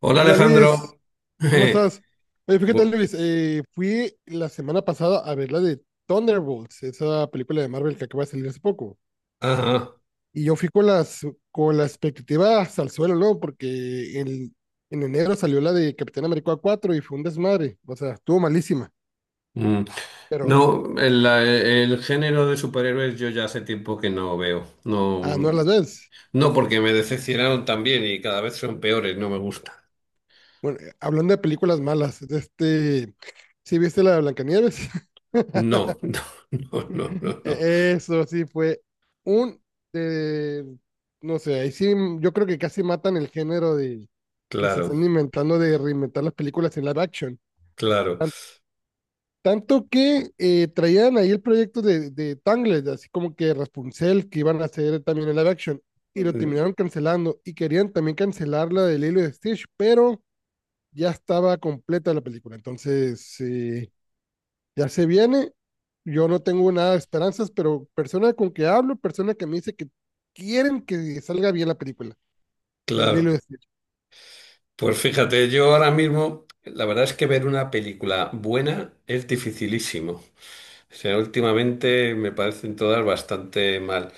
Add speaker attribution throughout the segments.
Speaker 1: Hola
Speaker 2: Hola Luis,
Speaker 1: Alejandro.
Speaker 2: ¿cómo estás? Oye, fíjate
Speaker 1: Bu-
Speaker 2: Luis, fui la semana pasada a ver la de Thunderbolts, esa película de Marvel que acaba de salir hace poco.
Speaker 1: Ajá.
Speaker 2: Y yo fui con las expectativas al suelo, ¿no? En enero salió la de Capitán América 4 y fue un desmadre. O sea, estuvo malísima,
Speaker 1: Mm.
Speaker 2: pero
Speaker 1: No, el género de superhéroes yo ya hace tiempo que no veo.
Speaker 2: a
Speaker 1: No,
Speaker 2: no las ves.
Speaker 1: no porque me decepcionaron también y cada vez son peores, no me gusta.
Speaker 2: Bueno, hablando de películas malas, ¿sí viste la de Blancanieves?
Speaker 1: No, no, no, no, no, no.
Speaker 2: Eso sí fue un, eh, no sé, ahí sí yo creo que casi matan el género de que se
Speaker 1: Claro,
Speaker 2: están inventando de reinventar las películas en live action.
Speaker 1: claro,
Speaker 2: Tan- tanto que traían ahí el proyecto de Tangled, así como que Rapunzel, que iban a hacer también en live action, y lo
Speaker 1: mm,
Speaker 2: terminaron cancelando, y querían también cancelar la de Lilo y Stitch, pero ya estaba completa la película, entonces... ya se viene. Yo no tengo nada de esperanzas, pero persona con que hablo, persona que me dice que quieren que salga bien la película de Lilo y
Speaker 1: claro.
Speaker 2: Stitch.
Speaker 1: Pues fíjate, yo ahora mismo, la verdad es que ver una película buena es dificilísimo. O sea, últimamente me parecen todas bastante mal.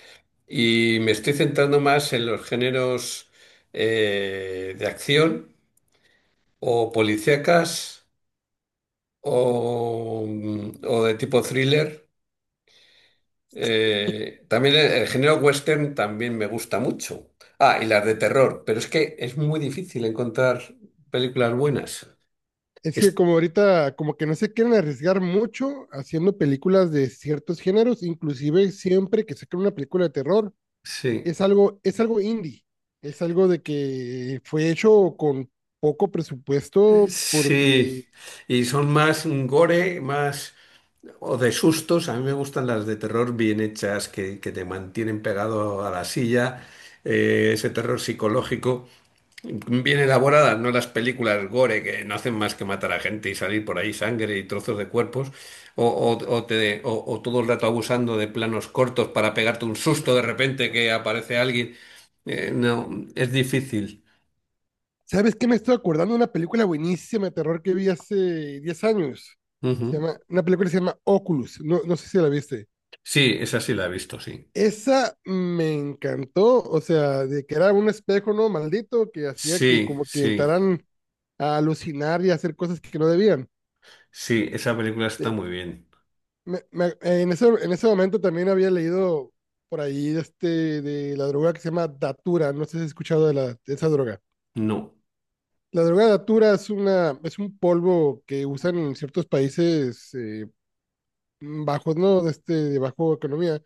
Speaker 1: Y me estoy centrando más en los géneros de acción o policíacas o, o de tipo thriller. También el género western también me gusta mucho. Ah, y las de terror, pero es que es muy difícil encontrar películas buenas.
Speaker 2: Es que
Speaker 1: Es-
Speaker 2: como ahorita, como que no se quieren arriesgar mucho haciendo películas de ciertos géneros, inclusive siempre que sacan una película de terror,
Speaker 1: sí,
Speaker 2: es algo indie, es algo de que fue hecho con poco presupuesto porque
Speaker 1: sí. Y son más gore, más. O de sustos, a mí me gustan las de terror bien hechas, que te mantienen pegado a la silla, ese terror psicológico, bien elaboradas, no las películas gore que no hacen más que matar a gente y salir por ahí sangre y trozos de cuerpos, o todo el rato abusando de planos cortos para pegarte un susto de repente que aparece alguien. No, es difícil.
Speaker 2: ¿sabes qué? Me estoy acordando de una película buenísima de terror que vi hace 10 años.
Speaker 1: Ujú.
Speaker 2: Una película que se llama Oculus. No, no sé si la viste.
Speaker 1: Sí, esa sí la he visto, sí.
Speaker 2: Esa me encantó. O sea, de que era un espejo, ¿no? Maldito, que hacía que
Speaker 1: Sí,
Speaker 2: como que
Speaker 1: sí,
Speaker 2: entraran a alucinar y a hacer cosas que no debían.
Speaker 1: sí, esa película está
Speaker 2: Eh,
Speaker 1: muy bien.
Speaker 2: en ese, en ese momento también había leído por ahí de de la droga que se llama Datura. No sé si has escuchado de esa droga.
Speaker 1: No.
Speaker 2: La droga datura es una, es un polvo que usan en ciertos países bajos, ¿no? De de bajo economía,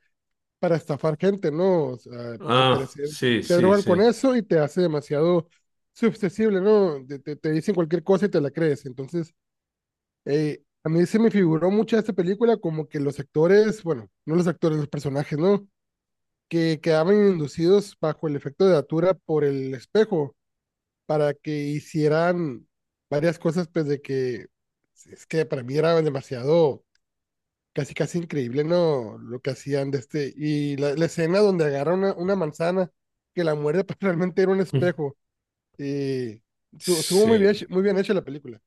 Speaker 2: para estafar gente, ¿no? O sea, al
Speaker 1: Ah,
Speaker 2: parecer
Speaker 1: sí,
Speaker 2: te
Speaker 1: sí,
Speaker 2: drogan con
Speaker 1: sí.
Speaker 2: eso y te hace demasiado susceptible, ¿no? Te dicen cualquier cosa y te la crees. Entonces, a mí se me figuró mucho esta película como que los actores, bueno, no los actores, los personajes, ¿no? Que quedaban inducidos bajo el efecto de datura por el espejo para que hicieran varias cosas, pues de que es que para mí era demasiado, casi casi increíble, ¿no? Lo que hacían de y la escena donde agarra una manzana que la muerde, pues realmente era un
Speaker 1: Mm.
Speaker 2: espejo, y estuvo muy bien,
Speaker 1: Sí,
Speaker 2: muy bien hecha la película.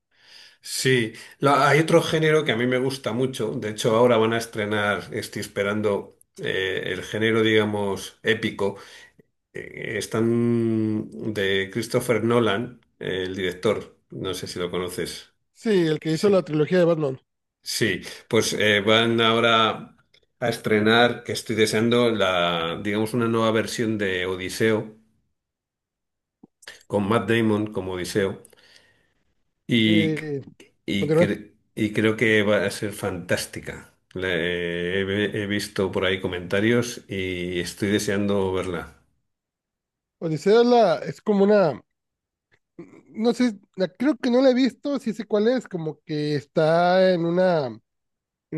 Speaker 1: sí. Hay otro género que a mí me gusta mucho. De hecho, ahora van a estrenar, estoy esperando el género, digamos, épico. Están de Christopher Nolan, el director. No sé si lo conoces.
Speaker 2: Sí, el que hizo
Speaker 1: Sí,
Speaker 2: la trilogía de Batman.
Speaker 1: sí. Pues van ahora a estrenar, que estoy deseando, la, digamos, una nueva versión de Odiseo, con Matt Damon como Odiseo. Y,
Speaker 2: Eh,
Speaker 1: y,
Speaker 2: continúa.
Speaker 1: cre- y creo que va a ser fantástica. He visto por ahí comentarios y estoy deseando verla.
Speaker 2: Odisea es, la, es como una, no sé, creo que no la he visto, sí sé cuál es, como que está en una, en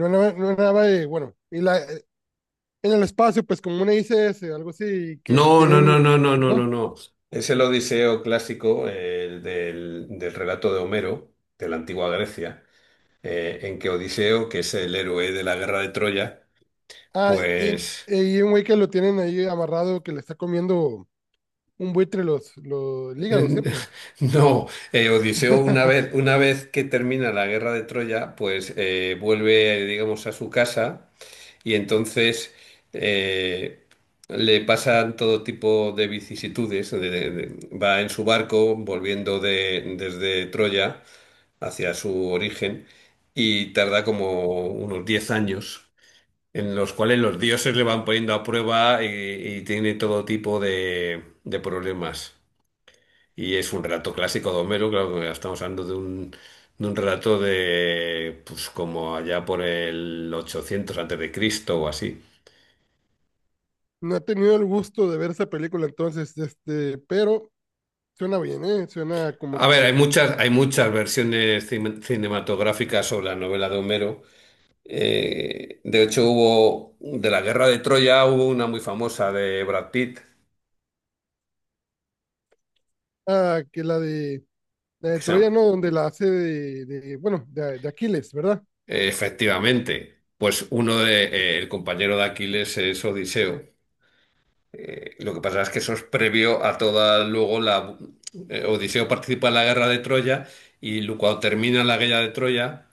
Speaker 2: una, nave- en una nave, bueno, y la, en el espacio, pues como una ICS, algo así, que
Speaker 1: No, no, no,
Speaker 2: tienen,
Speaker 1: no, no, no, no,
Speaker 2: ¿no?
Speaker 1: no. Es el Odiseo clásico, el del relato de Homero, de la antigua Grecia, en que Odiseo, que es el héroe de la guerra de Troya,
Speaker 2: Ah,
Speaker 1: pues
Speaker 2: y un güey que lo tienen ahí amarrado, que le está comiendo un buitre los el hígado siempre.
Speaker 1: no, Odiseo una vez, una vez que termina la guerra de Troya, pues vuelve, digamos, a su casa y entonces eh, le pasan todo tipo de vicisitudes. Va en su barco volviendo desde Troya hacia su origen y tarda como unos 10 años. En los cuales los dioses le van poniendo a prueba y tiene todo tipo de problemas. Y es un relato clásico de Homero, claro que estamos hablando de un, relato de, pues como allá por el 800 antes de Cristo o así.
Speaker 2: No he tenido el gusto de ver esa película entonces, pero suena bien, ¿eh? Suena como
Speaker 1: A ver, hay
Speaker 2: que,
Speaker 1: muchas, hay muchas versiones cinematográficas sobre la novela de Homero. De hecho, hubo de la Guerra de Troya, hubo una muy famosa de Brad Pitt,
Speaker 2: ah, la de
Speaker 1: que se
Speaker 2: Troya,
Speaker 1: llama-
Speaker 2: ¿no? Donde la hace de bueno, de Aquiles, ¿verdad?
Speaker 1: efectivamente, pues uno de el compañero de Aquiles es Odiseo. Lo que pasa es que eso es previo a toda luego la, Odiseo participa en la Guerra de Troya y cuando termina la Guerra de Troya,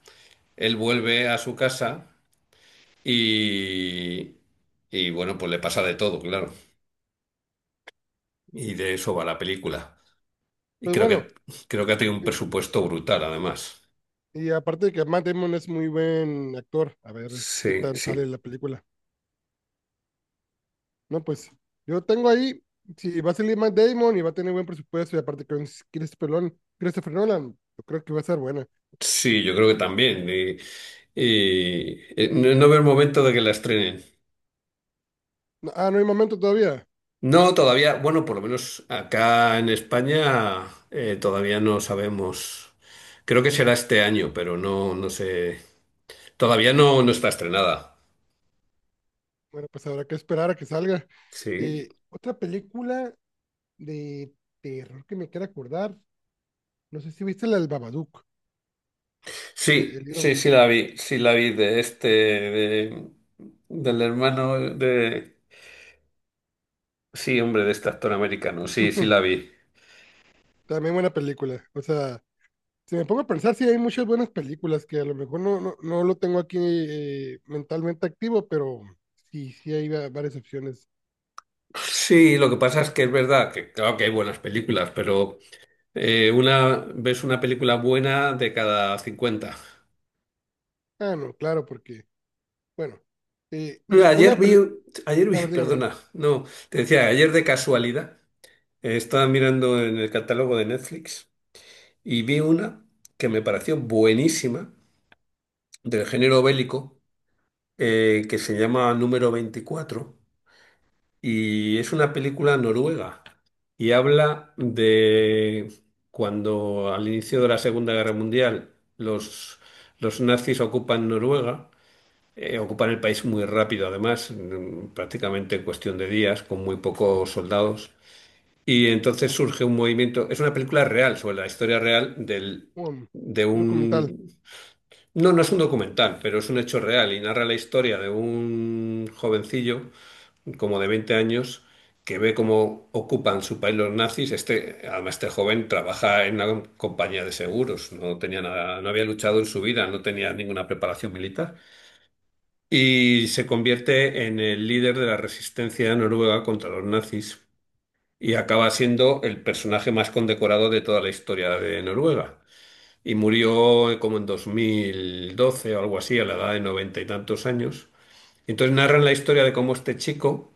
Speaker 1: él vuelve a su casa y y bueno, pues le pasa de todo, claro. Y de eso va la película. Y
Speaker 2: Pues
Speaker 1: creo
Speaker 2: bueno,
Speaker 1: que, creo que ha tenido un
Speaker 2: y,
Speaker 1: presupuesto brutal, además.
Speaker 2: y aparte de que Matt Damon es muy buen actor, a ver qué
Speaker 1: Sí,
Speaker 2: tal
Speaker 1: sí.
Speaker 2: sale la película. No, pues yo tengo ahí, si va a salir Matt Damon y va a tener buen presupuesto y aparte con Christopher Nolan, yo creo que va a ser buena.
Speaker 1: Sí, yo creo que también. Y, no, no veo el momento de que la estrenen.
Speaker 2: Ah, no hay momento todavía.
Speaker 1: No, todavía, bueno, por lo menos acá en España todavía no sabemos. Creo que será este año, pero no, no sé. Todavía no, no está estrenada.
Speaker 2: Bueno, pues habrá que esperar a que salga.
Speaker 1: Sí.
Speaker 2: Otra película de terror que me quiera acordar, no sé si viste la del Babadook,
Speaker 1: Sí,
Speaker 2: el libro.
Speaker 1: sí, sí la vi de este, del hermano de. Sí, hombre, de este actor americano. Sí, sí la vi.
Speaker 2: También buena película. O sea, si me pongo a pensar, sí hay muchas buenas películas que a lo mejor no lo tengo aquí mentalmente activo, pero sí, sí hay varias opciones
Speaker 1: Sí,
Speaker 2: de que,
Speaker 1: lo que pasa
Speaker 2: que
Speaker 1: es que es verdad que claro que hay buenas películas, pero una ves una película buena de cada 50.
Speaker 2: ah, no, claro, porque, bueno,
Speaker 1: Mira,
Speaker 2: una peli... A ver, dígame,
Speaker 1: Perdona, no, te decía, ayer de casualidad estaba mirando en el catálogo de Netflix y vi una que me pareció buenísima del género bélico que se llama Número 24. Y es una película noruega y habla de cuando al inicio de la Segunda Guerra Mundial los, nazis ocupan Noruega, ocupan el país muy rápido además, prácticamente en cuestión de días, con muy pocos soldados. Y entonces surge un movimiento, es una película real sobre la historia real del,
Speaker 2: un
Speaker 1: de
Speaker 2: documental.
Speaker 1: un. No, no es un documental, pero es un hecho real y narra la historia de un jovencillo como de 20 años, que ve cómo ocupan su país los nazis. Este, además, este joven trabaja en una compañía de seguros, no tenía nada, no había luchado en su vida, no tenía ninguna preparación militar. Y se convierte en el líder de la resistencia noruega contra los nazis y acaba siendo el personaje más condecorado de toda la historia de Noruega. Y murió como en 2012 o algo así, a la edad de noventa y tantos años. Entonces narran la historia de cómo este chico,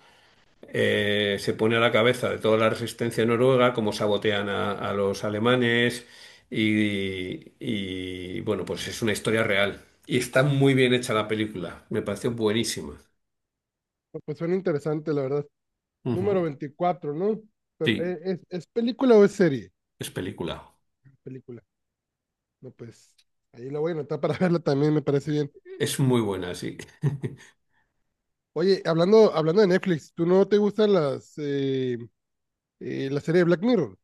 Speaker 1: se pone a la cabeza de toda la resistencia noruega, cómo sabotean a los alemanes bueno, pues es una historia real. Y está muy bien hecha la película, me pareció buenísima.
Speaker 2: No, pues suena interesante, la verdad.
Speaker 1: Ujú.
Speaker 2: Número 24, ¿no? Pero,
Speaker 1: Sí,
Speaker 2: es película o es serie?
Speaker 1: es película.
Speaker 2: Película. No, pues, ahí la voy a anotar para verla también, me parece bien.
Speaker 1: Es muy buena, sí.
Speaker 2: Oye, hablando de Netflix, ¿tú no te gustan la serie de Black Mirror?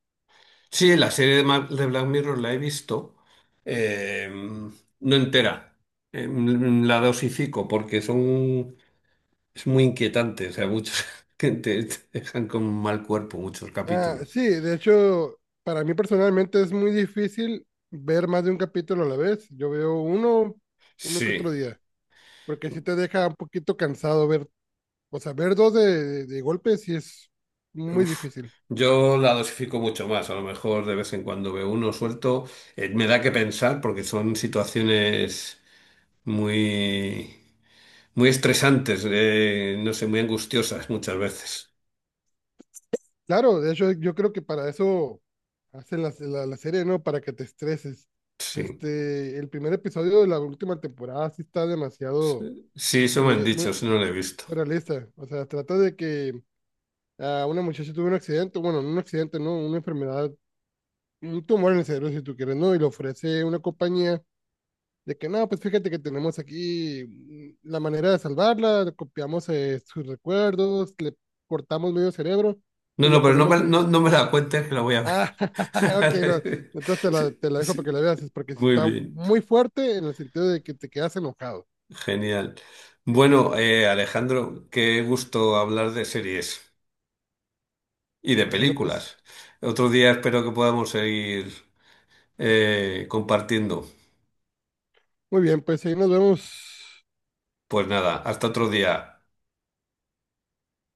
Speaker 1: Sí, la serie de Black Mirror la he visto, eh, no entera. La dosifico porque son, es muy inquietante, o sea, muchos que te dejan con mal cuerpo muchos
Speaker 2: Ah,
Speaker 1: capítulos.
Speaker 2: sí, de hecho, para mí personalmente es muy difícil ver más de un capítulo a la vez. Yo veo uno, uno que otro
Speaker 1: Sí,
Speaker 2: día, porque sí te deja un poquito cansado ver, o sea, ver dos de de golpe sí es muy
Speaker 1: uf.
Speaker 2: difícil.
Speaker 1: Yo la dosifico mucho más, a lo mejor de vez en cuando veo uno suelto. Me da que pensar porque son situaciones muy, muy estresantes, no sé, muy angustiosas muchas veces.
Speaker 2: Claro, de hecho yo creo que para eso hacen la serie, ¿no? Para que te estreses.
Speaker 1: Sí,
Speaker 2: Este, el primer episodio de la última temporada sí está demasiado
Speaker 1: sí, eso me han
Speaker 2: muy
Speaker 1: dicho, eso no lo he visto.
Speaker 2: realista. O sea, trata de que a una muchacha tuvo un accidente, bueno, no un accidente, no, una enfermedad, un tumor en el cerebro, si tú quieres, ¿no? Y le ofrece una compañía. De que no, pues fíjate que tenemos aquí la manera de salvarla, le copiamos sus recuerdos, le cortamos medio cerebro
Speaker 1: No,
Speaker 2: y le
Speaker 1: no, pero no
Speaker 2: ponemos
Speaker 1: me,
Speaker 2: un...
Speaker 1: no, no me la cuentes que la voy a ver.
Speaker 2: Ah, ok, no.
Speaker 1: Sí,
Speaker 2: Te la dejo para que
Speaker 1: sí.
Speaker 2: la veas, es porque si
Speaker 1: Muy
Speaker 2: está
Speaker 1: bien,
Speaker 2: muy fuerte en el sentido de que te quedas enojado.
Speaker 1: genial.
Speaker 2: Que-
Speaker 1: Bueno, Alejandro, qué gusto hablar de series y de
Speaker 2: bueno, pues
Speaker 1: películas. Otro día espero que podamos seguir compartiendo.
Speaker 2: muy bien, pues ahí nos vemos.
Speaker 1: Pues nada, hasta otro día.